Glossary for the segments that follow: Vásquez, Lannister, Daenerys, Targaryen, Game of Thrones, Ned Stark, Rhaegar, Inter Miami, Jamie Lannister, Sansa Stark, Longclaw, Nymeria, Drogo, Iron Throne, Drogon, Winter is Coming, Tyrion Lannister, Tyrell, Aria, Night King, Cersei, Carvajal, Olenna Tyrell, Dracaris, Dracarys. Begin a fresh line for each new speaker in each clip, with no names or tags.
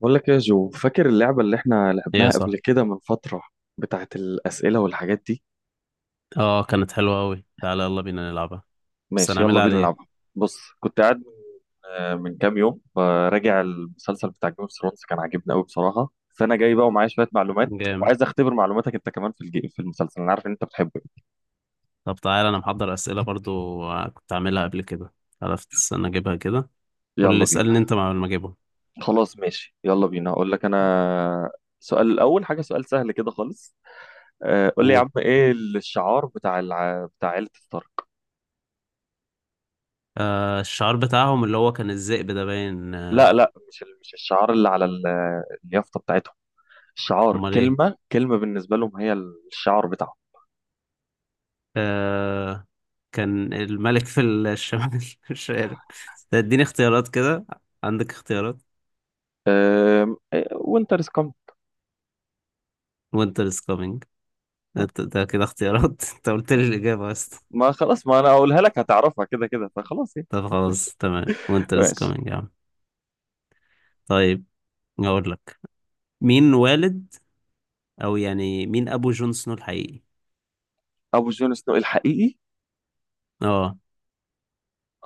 بقول لك إيه يا جو، فاكر اللعبة اللي احنا
ايه
لعبناها
صح.
قبل كده من فترة؟ بتاعت الأسئلة والحاجات دي.
اه كانت حلوة أوي، تعالى يلا بينا نلعبها. بس
ماشي، يلا
هنعملها على
بينا نلعبها.
ايه؟
بص، كنت قاعد من من كام يوم فراجع المسلسل بتاع جيم اوف ثرونز، كان عاجبني قوي بصراحة. فأنا جاي بقى ومعايا شوية معلومات،
جامد.
وعايز أختبر معلوماتك أنت كمان في في المسلسل، أنا عارف إن أنت بتحبه.
طب تعالى انا محضر أسئلة برضو، كنت عاملها قبل كده. عرفت، استنى اجيبها كده. قول اللي
يلا
اسألني
بينا.
انت مع ما اجيبهم.
خلاص ماشي، يلا بينا. أقول لك أنا سؤال الأول، حاجة سؤال سهل كده خالص. قول لي يا
قول
عم، إيه الشعار بتاع بتاع عيلة ستارك؟
الشعار بتاعهم اللي هو كان الذئب ده باين،
لا لا، مش مش الشعار اللي على اليافطة بتاعتهم. الشعار
امال ايه.
كلمة كلمة بالنسبة لهم هي الشعار بتاعهم.
آه كان الملك في الشمال مش عارف. ده اديني اختيارات كده، عندك اختيارات.
وينتر از كومينج.
وينتر از كامينج. ده ده كده اختيارات انت قلت لي الإجابة بس.
ما خلاص، ما انا اقولها لك هتعرفها كده كده فخلاص يعني.
طب خلاص تمام، وينتر از
ماشي.
كامينج يا عم. طيب اقول لك، مين والد، او يعني مين ابو جون سنو الحقيقي؟
ابو جون سنو الحقيقي؟
اه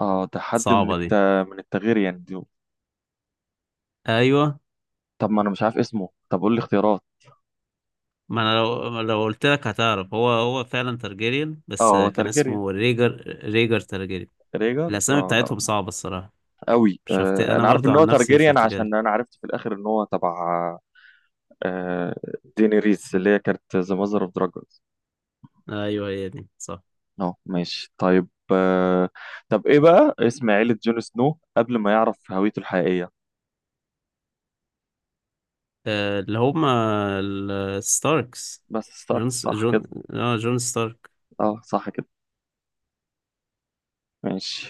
اه، ده حد من
صعبة دي.
من التغيير يعني دي.
ايوه.
طب ما انا مش عارف اسمه، طب قول لي اختيارات.
ما انا لو قلت لك هتعرف، هو فعلا تارجيريان، بس
اه
كان
ترجيريان.
اسمه ريجر تارجيريان.
ريجر
الاسامي
اه
بتاعتهم
لا.
صعبة الصراحة.
قوي.
مش هفت...
آه
انا
انا عارف
برضو
ان هو
عن نفسي مش
ترجيريان
هفتكرها.
عشان انا عرفت في الاخر ان هو تبع آه دينيريس اللي هي كانت ذا ماذر اوف دراجون.
ايوه هي دي صح.
اه ماشي طيب. طب ايه بقى اسم عيلة جون سنو قبل ما يعرف هويته الحقيقية؟
اللي هما الستاركس.
بس ستارك صح كده؟
جون، اه جون ستارك.
اه صح كده. ماشي.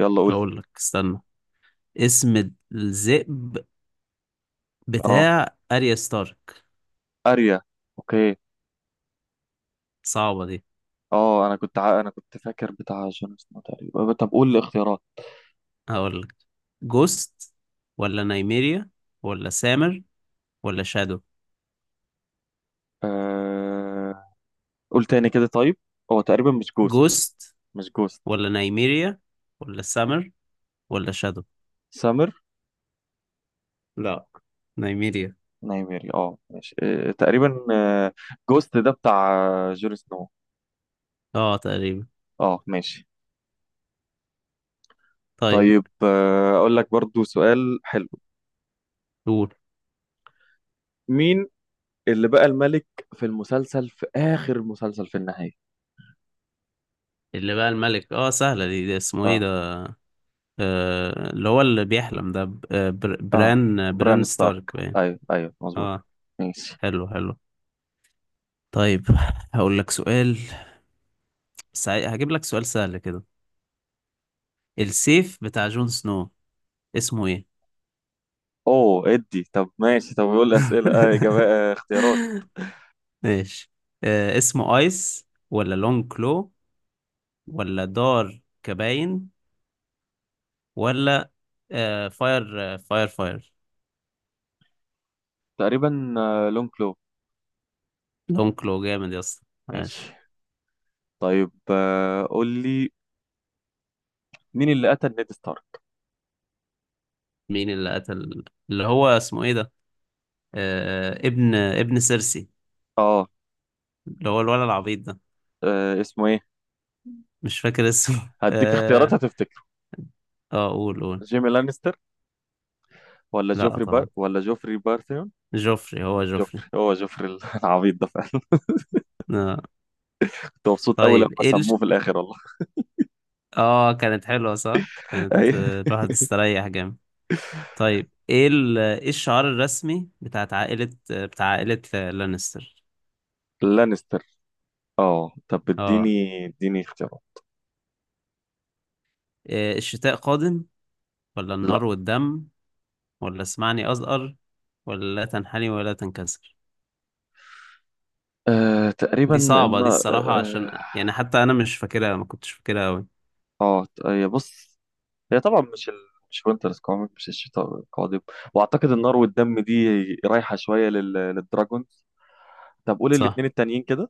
يلا قول.
اقول لك، استنى، اسم الذئب
اه.
بتاع اريا ستارك.
اريا. اوكي.
صعبة دي.
اه انا كنت فاكر بتاع جون سنو تقريبا. طب قول الاختيارات.
هقول لك، جوست ولا نايميريا ولا سامر ولا شادو؟
آه... قول تاني كده طيب. هو تقريبا مش جوست.
جوست
مش جوست.
ولا نايميريا ولا سامر ولا شادو؟
سامر.
لا، نايميريا.
نايميري اه ماشي. تقريبا. جوست ده بتاع جون سنو.
اه تقريبا.
اه ماشي.
طيب
طيب، اقول لك برضو سؤال حلو.
قول.
مين اللي بقى الملك في المسلسل، في آخر المسلسل في النهاية؟
اللي بقى الملك، اه سهلة دي، دي اسمه ايه
اه.
ده؟ آه اللي هو اللي بيحلم ده،
اه
بران،
بران ستارك.
ستارك باين.
ايوه ايوه، مظبوط.
اه.
ماشي.
حلو حلو. طيب هقول لك سؤال. هجيب لك سؤال سهل كده. السيف بتاع جون سنو اسمه ايه؟
اوه ادي، طب ماشي. طب يقول لي اسئله، اه اجابه، آه اختيارات.
ماشي. آه اسمه ايس، ولا لونج كلو، ولا دار كباين، ولا فاير فاير؟
تقريبا آه لون كلو.
لونج كلو، جامد يا اسطى.
ماشي
ماشي.
طيب. قول لي مين اللي قتل نيد ستارك.
مين اللي قتل، اللي هو اسمه ايه ده، آه ابن سيرسي،
اه.
اللي هو الولد العبيط ده.
اسمه ايه؟
مش فاكر اسمه
هديك اختيارات
اه.
هتفتكره.
اه قول قول.
جيمي لانستر، ولا
لا طبعا.
جوفري بارثيون.
جوفري، هو جوفري.
جوفري هو جوفري العبيط ده فعلا.
آه.
كنت مبسوط قوي لما
طيب
سموه في الاخر والله.
اه كانت حلوة صح. كانت،
ايوه.
الواحد استريح جامد. طيب ايه الشعار الرسمي بتاع عائلة لانستر؟
لانستر. اه طب
اه،
اديني اديني اختيارات.
إيه؟ الشتاء قادم، ولا
لا.
النار والدم، ولا اسمعني أزأر، ولا لا تنحني ولا تنكسر؟
آه تقريبا
دي
ان
صعبة دي الصراحة، عشان يعني حتى أنا مش فاكرها، ما كنتش فاكرها أوي.
هي بص، هي طبعا مش مش وينتر از كومينج، مش الشتاء القادم. واعتقد النار والدم دي رايحه شويه للدراجونز. طب قول
صح،
الاثنين التانيين كده.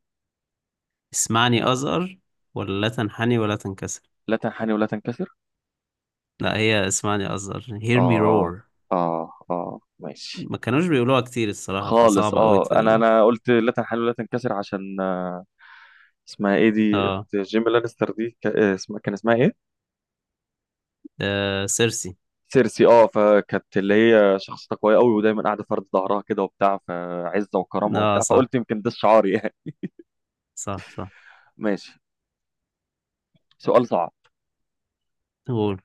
اسمعني أزأر ولا لا تنحني ولا تنكسر؟
لا تنحني ولا تنكسر.
لا، هي اسمعني أزأر، hear me
اه
roar.
اه اه ماشي
ما كانوش بيقولوها كتير الصراحة
خالص.
فصعبة أوي
اه،
ت...
انا قلت لا تنحني ولا تنكسر عشان اسمها ايه دي
اه،
اخت جيمي لانستر دي اسمها، كان اسمها ايه؟
سيرسي.
سيرسي. اه، فكانت اللي هي شخصيتها قويه قوي، ودايما قاعده فرد ظهرها كده وبتاع، فعزه وكرامه
اه
وبتاع،
صح،
فقلت يمكن ده الشعار يعني.
صح صح.
ماشي. سؤال صعب.
قول.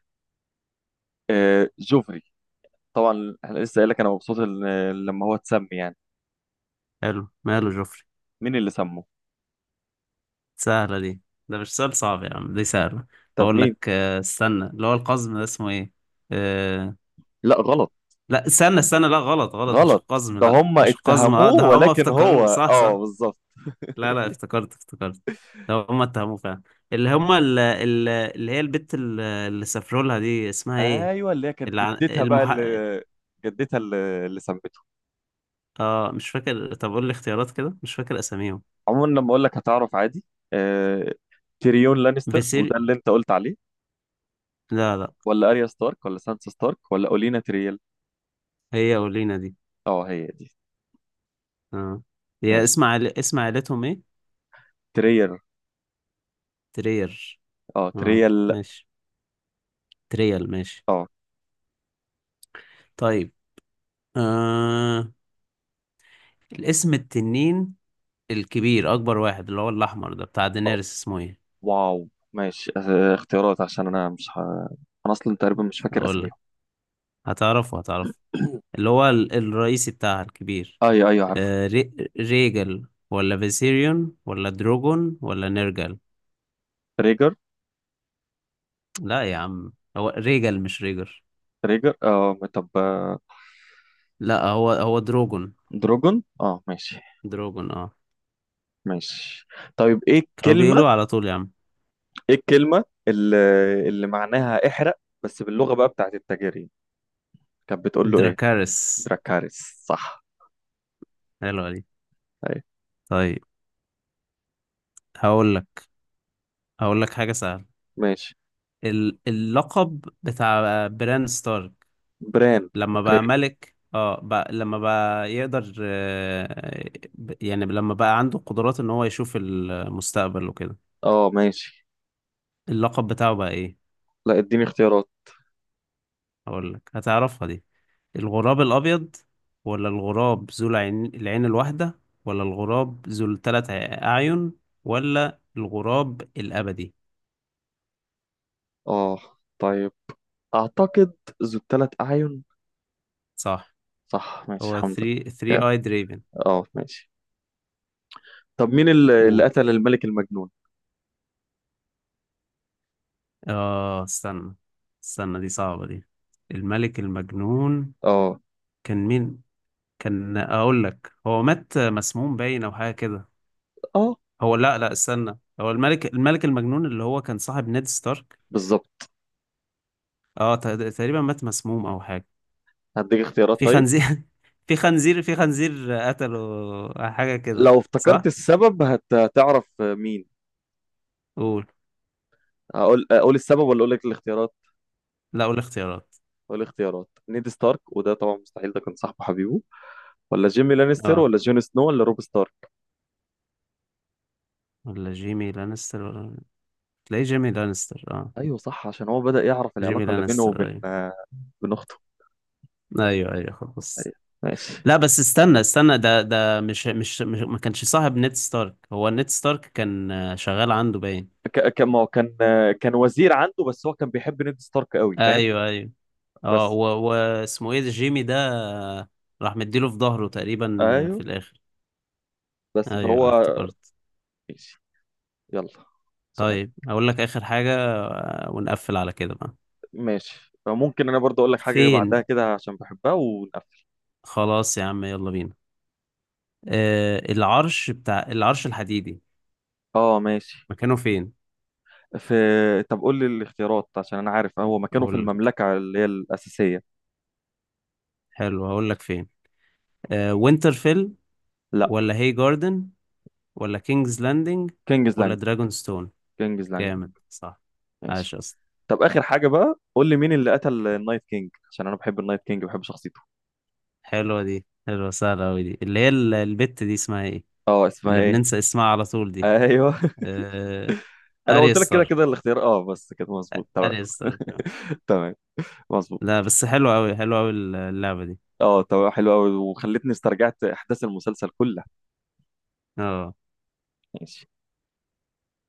آه جوفري، طبعا احنا لسه قايل لك انا مبسوط لما هو اتسمي يعني،
حلو، ماله جوفري.
مين اللي سمه؟
سهلة دي، ده مش سؤال صعب يا عم، دي سهلة.
طب
أقول
مين.
لك، استنى، اللي هو القزم ده اسمه إيه؟ آه...
لا غلط،
لا استنى لا غلط غلط، مش
غلط.
القزم،
ده
لا
هم
مش القزم، اه
اتهموه
ده هما
ولكن
افتكروه،
هو
صح
اه
صح.
بالظبط.
لا لا افتكرت ده هما اتهموه فعلا. اللي هما اللي هي البت اللي سافروا لها دي اسمها إيه؟
ايوه اللي هي كانت
اللي عن...
جدتها بقى
المح...
اللي، جدتها اللي سمته.
اه مش فاكر، طب قول لي اختيارات كده، مش فاكر أساميهم.
عموما لما اقول لك هتعرف عادي. آه تيريون لانستر، وده
فيسيري،
اللي انت قلت عليه،
لا لا.
ولا اريا ستارك، ولا سانسا ستارك، ولا اولينا تريال.
هي أولينا دي.
اه هي دي.
اه. هي
ماشي.
اسم اسم عائلتهم إيه؟
تريال.
ترير.
اه
اه
تريال
ماشي، تريال، ماشي.
اه.
طيب، آه... الاسم التنين الكبير، اكبر واحد، اللي هو الاحمر ده بتاع
آه،
دينيرس، اسمه ايه؟
واو ماشي. اختيارات عشان انا اصلا تقريبا مش فاكر
اقول
اساميهم.
لك، هتعرفه اللي هو الرئيسي بتاعها الكبير.
ايوه ايوه عارف.
آه... ريجل، ولا فيسيريون، ولا دروجون، ولا نيرجل؟
ريجر
لا يا عم، هو ريجل مش ريجر.
ريجر اه طب.
لا، هو هو دروجون.
دروجون اه ماشي.
دروجون اه.
ماشي. طيب ايه
كانوا
الكلمة،
بيقولوه على طول يا عم.
ايه الكلمة اللي معناها احرق، بس باللغة بقى بتاعت التاجرين، كانت بتقول له ايه؟
دراكارس.
دراكاريس صح.
حلوة دي.
ايوه.
طيب هقول لك، هقول لك حاجة سهلة.
ماشي.
اللقب بتاع بران ستارك،
بران
لما
اوكي.
بقى ملك، اه بقى لما بقى يقدر، يعني لما بقى عنده قدرات ان هو يشوف المستقبل وكده،
اه ماشي.
اللقب بتاعه بقى ايه؟
لا اديني اختيارات.
اقول لك، هتعرفها دي. الغراب الابيض، ولا الغراب ذو العين الواحدة، ولا الغراب ذو الثلاث اعين، ولا الغراب الابدي؟
اه طيب، اعتقد ذو الثلاث اعين.
صح.
صح، ماشي
هو
الحمد لله.
3
كام.
اي دريفن.
اه ماشي. طب مين اللي
قول.
قتل الملك المجنون؟
اه استنى استنى، دي صعبة دي. الملك المجنون
اه.
كان مين؟ كان، اقول لك هو مات مسموم باين او حاجة كده.
اه
لا لا استنى، هو الملك المجنون اللي هو كان صاحب نيد ستارك.
بالظبط.
اه ت- تقريبا مات مسموم او حاجة.
هديك اختيارات
في
طيب.
خنزير في خنزير، في خنزير قتله، حاجة كده.
لو افتكرت
صح.
السبب هتعرف مين.
قول.
اقول السبب ولا اقول لك الاختيارات؟
لا قول اختيارات.
اقول الاختيارات: نيد ستارك، وده طبعا مستحيل ده كان صاحبه حبيبه، ولا جيمي لانستر،
اه،
ولا جون سنو، ولا روب ستارك.
ولا جيمي لانستر، ولا، تلاقي جيمي لانستر اه.
ايوه صح، عشان هو بدأ يعرف
جيمي
العلاقة اللي بينه
لانستر
وبين
ايوه.
بين اخته.
ايوه ايوه خلاص.
ماشي.
لا بس استنى ده ده مش، ما كانش صاحب نيد ستارك، هو نيد ستارك كان، شغال عنده باين.
كان، ما هو كان وزير عنده، بس هو كان بيحب نيد ستارك قوي، فاهم؟
ايوه ايوه. اه
بس.
و- واسمه ايه ده، جيمي ده، آه، راح مديله في ظهره تقريبا، في
ايوه
الاخر.
بس
ايوه
فهو.
افتكرت.
ماشي. يلا
طيب
سؤالك.
اقول لك اخر حاجة، ونقفل على كده بقى.
ماشي، ممكن انا برضو اقول لك حاجه بعدها
فين؟
كده عشان بحبها ونقفل.
خلاص يا عم يلا بينا. العرش العرش الحديدي
اه ماشي.
مكانه فين؟
في. طب قول لي الاختيارات عشان انا عارف هو مكانه في
اقول لك.
المملكه اللي هي الاساسيه.
حلو، هقول لك فين. آه وينترفيل،
لا.
ولا هي جاردن، ولا كينجز لاندنج،
كينجز
ولا
لاند.
دراجون ستون؟
كينجز لاند.
جامد، صح،
ماشي.
عاش اصلا.
طب اخر حاجه بقى، قول لي مين اللي قتل النايت كينج، عشان انا بحب النايت كينج، بحب شخصيته.
حلوة دي، حلوة سهلة أوي دي، اللي هي البت دي اسمها ايه،
اه اسمها
اللي
ايه؟
بننسى اسمها على طول دي.
ايوه.
آه...
انا
اريا
قلت لك كده
ستارك.
كده الاختيار اه، بس كده مظبوط تمام.
آه.
تمام، مظبوط.
لا بس حلوة أوي، حلوة أوي اللعبة دي.
اه تمام، حلو قوي، وخلتني استرجعت احداث المسلسل كلها.
اه
ماشي.